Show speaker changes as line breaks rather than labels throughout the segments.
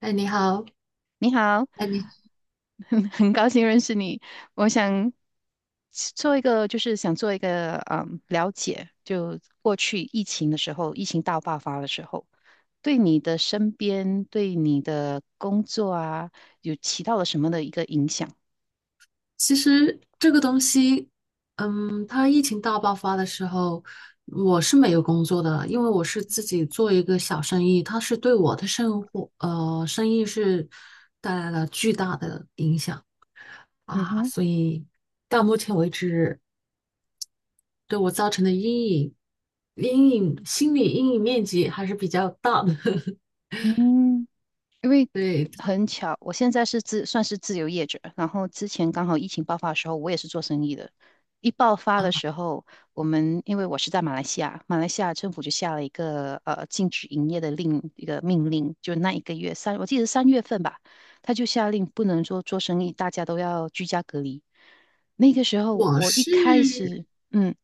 哎，你好。
你好，
哎，你
很高兴认识你。我想做一个，就是想做一个了解，就过去疫情的时候，疫情大爆发的时候，对你的身边，对你的工作啊，有起到了什么的一个影响？
其实这个东西，它疫情大爆发的时候，我是没有工作的，因为我是自己做一个小生意。它是对我的生活，生意是带来了巨大的影响
嗯
啊，
哼。
所以到目前为止，对我造成的阴影，心理阴影面积还是比较大的。
嗯。因为
对。
很巧，我现在是算是自由业者，然后之前刚好疫情爆发的时候，我也是做生意的。一爆发的
啊，
时候，我们因为我是在马来西亚，马来西亚政府就下了一个禁止营业的另一个命令，就那一个月我记得是三月份吧，他就下令不能说做生意，大家都要居家隔离。那个时候
我
我一开
是。
始，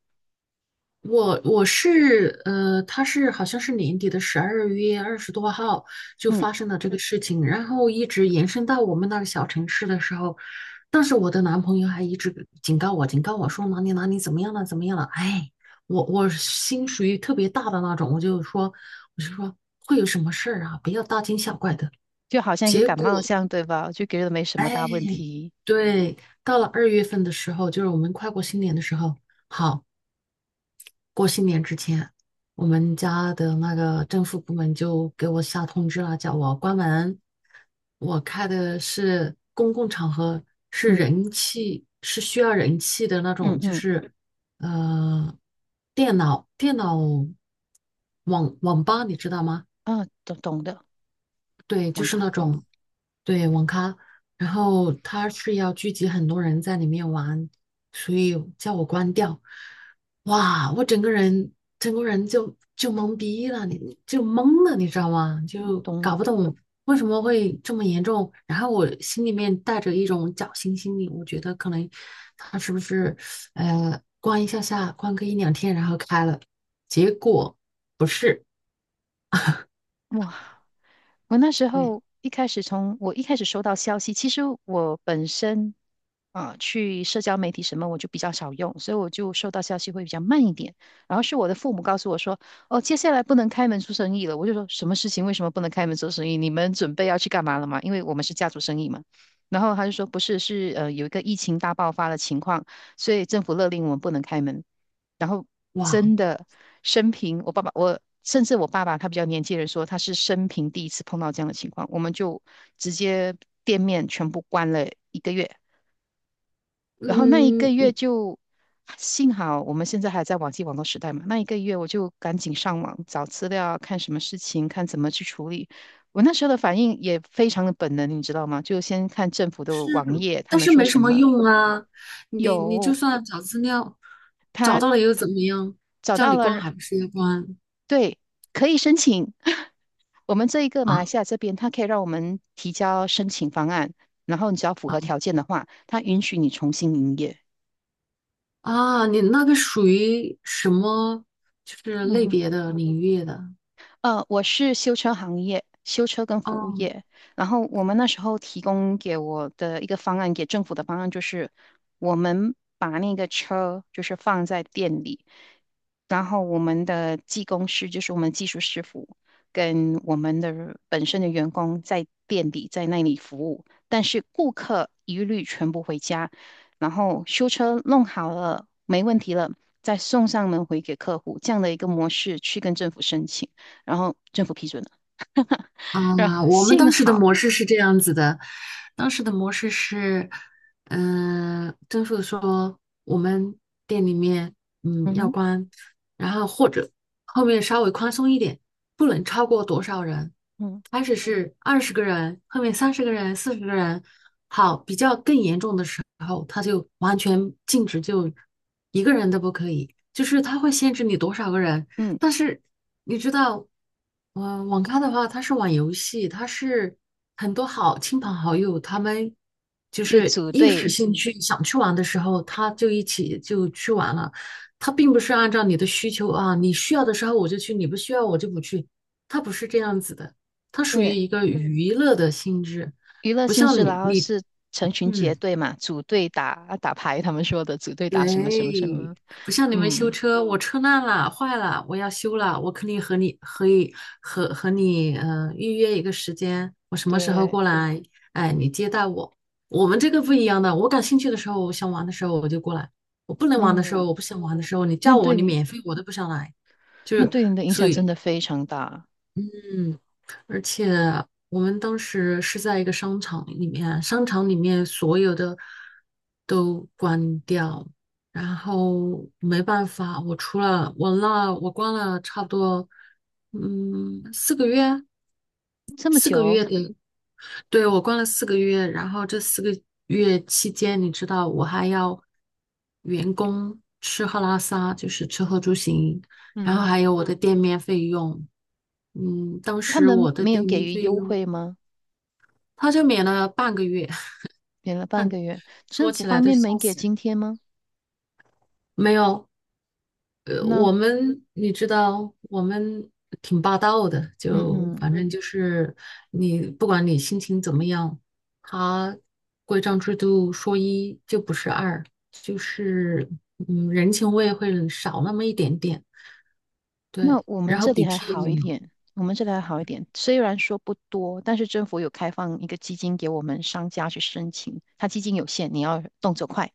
我是他是好像是年底的12月20多号就
嗯，
发生了这个事情，然后一直延伸到我们那个小城市的时候，当时我的男朋友还一直警告我，说哪里哪里怎么样了，怎么样了，哎，我心属于特别大的那种。我就说会有什么事儿啊，不要大惊小怪的。
就好像一个
结
感
果
冒这样，对吧？就觉得没什么大问题。
对，到了2月份的时候，就是我们快过新年的时候。好。过新年之前，我们家的那个政府部门就给我下通知了，叫我关门。我开的是公共场合，是
嗯
人气，是需要人气的那
嗯
种，就
嗯。
是呃，电脑电脑网网吧，你知道吗？
啊，懂懂的。
对，就
网
是那
咖懂。
种。对，网咖，然后他是要聚集很多人在里面玩，所以叫我关掉。哇，我整个人就懵逼了，你就懵了，你知道吗？就搞
懂。
不懂为什么会这么严重。然后我心里面带着一种侥幸心理，我觉得可能他是不是关一下下，关个一两天，然后开了。结果不是。
哇！我那时
对，
候一开始从我一开始收到消息，其实我本身啊、去社交媒体什么我就比较少用，所以我就收到消息会比较慢一点。然后是我的父母告诉我说，哦，接下来不能开门做生意了。我就说什么事情？为什么不能开门做生意？你们准备要去干嘛了吗？因为我们是家族生意嘛。然后他就说不是，是有一个疫情大爆发的情况，所以政府勒令我们不能开门。然后
哇。
真的生平，我爸爸他比较年纪的人说，他是生平第一次碰到这样的情况，我们就直接店面全部关了一个月，然后那一个
嗯，
月就幸好我们现在还在网际网络时代嘛，那一个月我就赶紧上网找资料，看什么事情，看怎么去处理。我那时候的反应也非常的本能，你知道吗？就先看政府的网页，他
但
们
是
说
没什
什
么
么。
用啊。你就
有，
算找资料，找
他
到了又怎么样？
找
叫
到
你关
了，
还不是要关
对，可以申请。我们这一个
啊
马来西亚这边，它可以让我们提交申请方案，然后你只要符合条件的话，它允许你重新营业。
啊！你那个属于什么就是
嗯
类
哼。
别的领域的？
我是修车行业，修车跟服务
哦。
业。然后我们那时候提供给我的一个方案，给政府的方案就是，我们把那个车就是放在店里，然后我们的技工师就是我们技术师傅跟我们的本身的员工在店里在那里服务，但是顾客一律全部回家，然后修车弄好了，没问题了，再送上门回给客户，这样的一个模式去跟政府申请。然后政府批准了，然后
嗯，我们
幸
当时的
好。
模式是这样子的，当时的模式是，政府说我们店里面
嗯
要
哼。
关，然后或者后面稍微宽松一点，不能超过多少人，
嗯。
开始是20个人，后面30个人、40个人。好，比较更严重的时候，他就完全禁止，就一个人都不可以，就是他会限制你多少个人。
嗯。
但是你知道，网咖的话，它是玩游戏，它是很多好亲朋好友，他们就
就
是
组
一时
队。
兴趣想去玩的时候，他就一起就去玩了。他并不是按照你的需求啊，你需要的时候我就去，你不需要我就不去，他不是这样子的，他属于
对，
一个娱乐的性质。
娱乐
不
性质，
像你
然后
你
是成群结
嗯。
队嘛，组队打打牌，他们说的组队打什么什么什
对，
么。
不像你们修
嗯。
车，我车烂了、坏了，我要修了，我肯定和你可以和你预约一个时间，我什么时候
对。
过来，哎，你接待我。我们这个不一样的，我感兴趣的时候，我想玩的时候我就过来，我不能玩的时候，
嗯。
我不想玩的时候，你
那
叫我，
对
你
你，
免费我都不想来，就
那
是。
对你的影
所
响真
以
的非常大。
嗯，而且我们当时是在一个商场里面，商场里面所有的都关掉，然后没办法，我除了我那我关了差不多，四个月，
这么
四个
久。
月的。对，我关了四个月，然后这四个月期间，你知道我还要员工吃喝拉撒，就是吃喝住行，然后
嗯。
还有我的店面费用。当
他
时
们
我的
没有
店
给
面
予
费
优
用
惠吗？
他就免了半个月。
给了半个月，
说
政府
起来
方
都
面没
笑
给
死人。
津贴吗？
没有。
那，
我们你知道，我们挺霸道的，
嗯
就
嗯。
反正就是你不管你心情怎么样，他规章制度说一就不是二，就是人情味会少那么一点点。对，
那我们
然后
这
补
里还
贴也
好一
没有。
点，我们这里还好一点，虽然说不多，但是政府有开放一个基金给我们商家去申请，它基金有限，你要动作快，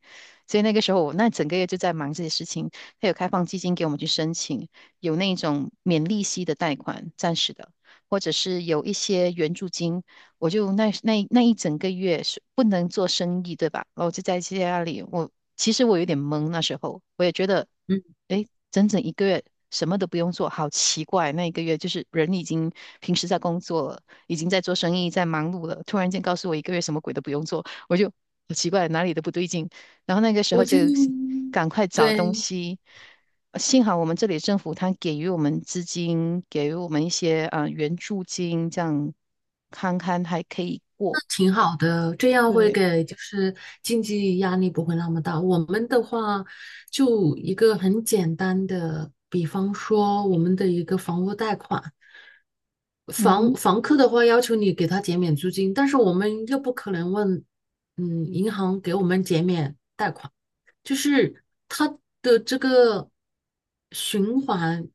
所以那个时候我那整个月就在忙这些事情，它有开放基金给我们去申请，有那种免利息的贷款，暂时的，或者是有一些援助金，我就那一整个月是不能做生意，对吧？然后我就在家里，我其实我有点懵，那时候我也觉得，
嗯，
诶，整整一个月什么都不用做，好奇怪。那一个月就是人已经平时在工作了，已经在做生意，在忙碌了，突然间告诉我一个月什么鬼都不用做，我就好奇怪，哪里都不对劲。然后那个时候
我
就
就。
赶快找东
对，
西。幸好我们这里政府它给予我们资金，给予我们一些啊、援助金，这样看看还可以过。
挺好的，这样会
对。
给就是经济压力不会那么大。我们的话，就一个很简单的，比方说我们的一个房屋贷款，
嗯
房
哼。
房客的话要求你给他减免租金，但是我们又不可能问，银行给我们减免，就是它的这个循环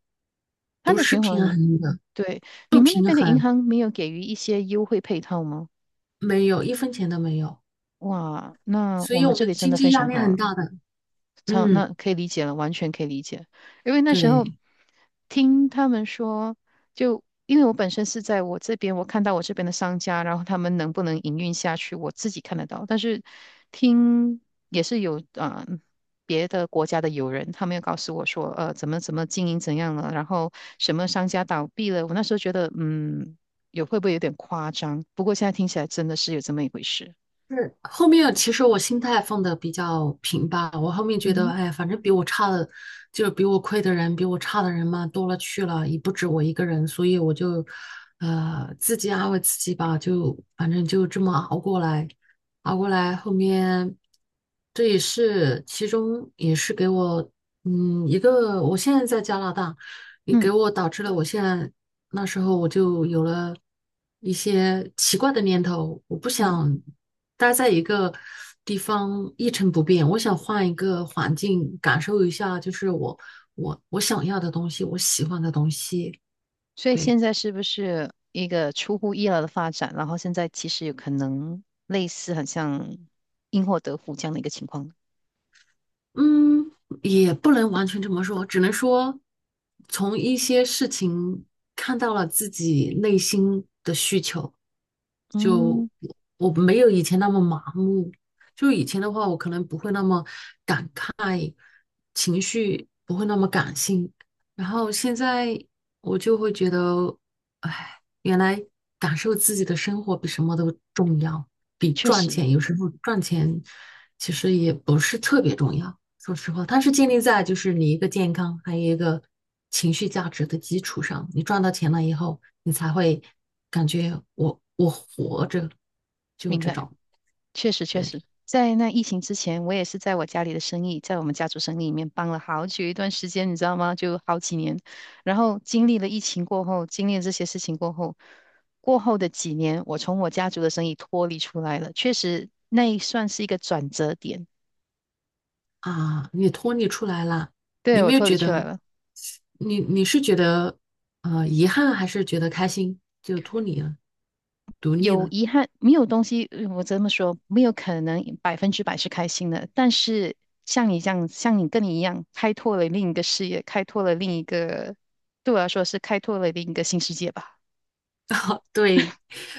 它
不
的
是
循
平
环。
衡的，
对。你
不
们那
平
边的银
衡。
行没有给予一些优惠配套吗？
没有一分钱都没有，
哇，那
所
我
以
们
我们
这里真
经
的非
济压
常
力
好
很
了。
大的。
超，
嗯。
那可以理解了，完全可以理解。因为那时候
对，
听他们说，就因为我本身是在我这边，我看到我这边的商家，然后他们能不能营运下去，我自己看得到。但是听也是有啊、别的国家的友人，他们又告诉我说，呃，怎么经营怎样了，然后什么商家倒闭了。我那时候觉得，嗯，会不会有点夸张？不过现在听起来真的是有这么一回事。
是后面其实我心态放的比较平吧，我后面觉
嗯
得，
哼。
哎，反正比我差的，就是比我亏的人，比我差的人嘛，多了去了，也不止我一个人，所以我就，自己安慰自己吧，就反正就这么熬过来，熬过来，后面这也是其中也是给我，一个我现在在加拿大，也
嗯
给我导致了我现在那时候我就有了一些奇怪的念头。我不
嗯。
想，待在一个地方一成不变，我想换一个环境，感受一下，就是我想要的东西，我喜欢的东西。
所以
对。
现在是不是一个出乎意料的发展？然后现在其实有可能类似，很像因祸得福这样的一个情况。
嗯，也不能完全这么说，只能说从一些事情看到了自己内心的需求，就
嗯。
我没有以前那么麻木。就以前的话，我可能不会那么情绪不会那么感性。然后现在我就会觉得，哎，原来感受自己的生活比什么都重要，比
确
赚
实。
钱有时候赚钱其实也不是特别重要。说实话，它是建立在就是你一个健康，还有一个情绪价值的基础上。你赚到钱了以后，你才会感觉我活着，就
明
这
白。
种。
确实确
对
实，在那疫情之前，我也是在我家里的生意，在我们家族生意里面帮了好久一段时间，你知道吗？就好几年。然后经历了疫情过后，经历了这些事情过后，过后的几年，我从我家族的生意脱离出来了，确实那算是一个转折点。
啊，你脱离出来了，
对，
有
我
没有
脱离
觉
出
得？
来了。
你是觉得遗憾，还是觉得开心？就脱离了，独立
有
了。
遗憾，没有东西，我这么说，没有可能百分之百是开心的。但是像你这样，像你跟你一样，开拓了另一个视野，开拓了另一个，对我来说是开拓了另一个新世界吧。
对，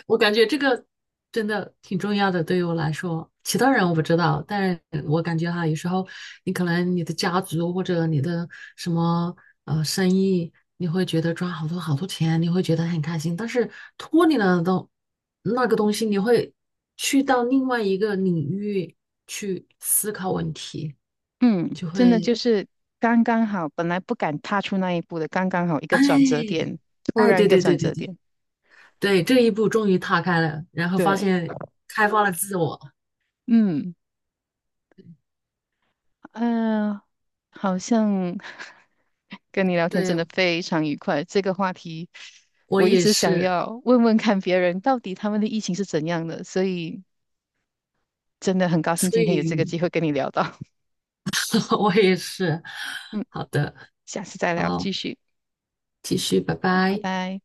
我感觉这个真的挺重要的，对于我来说。其他人我不知道，但是我感觉哈，有时候你可能你的家族或者你的什么生意，你会觉得赚好多好多钱，你会觉得很开心。但是脱离了那个东西，你会去到另外一个领域去思考问题，
嗯，
就
真的就
会
是刚刚好，本来不敢踏出那一步的，刚刚好一个转折
哎。
点，突
哎，
然一
对
个
对对
转
对
折
对
点。
对，这一步终于踏开了，然后发
对。
现开发了自我。
嗯。嗯、好像 跟你聊天真
对，
的非常愉快。这个话题
我
我一
也
直想
是，
要问问看别人到底他们的疫情是怎样的，所以真的很高兴
所
今天有
以
这个机会跟你聊到。
我也是。
嗯。
好的。
下次再聊，
好，
继续。
继续，拜
好，拜
拜。
拜。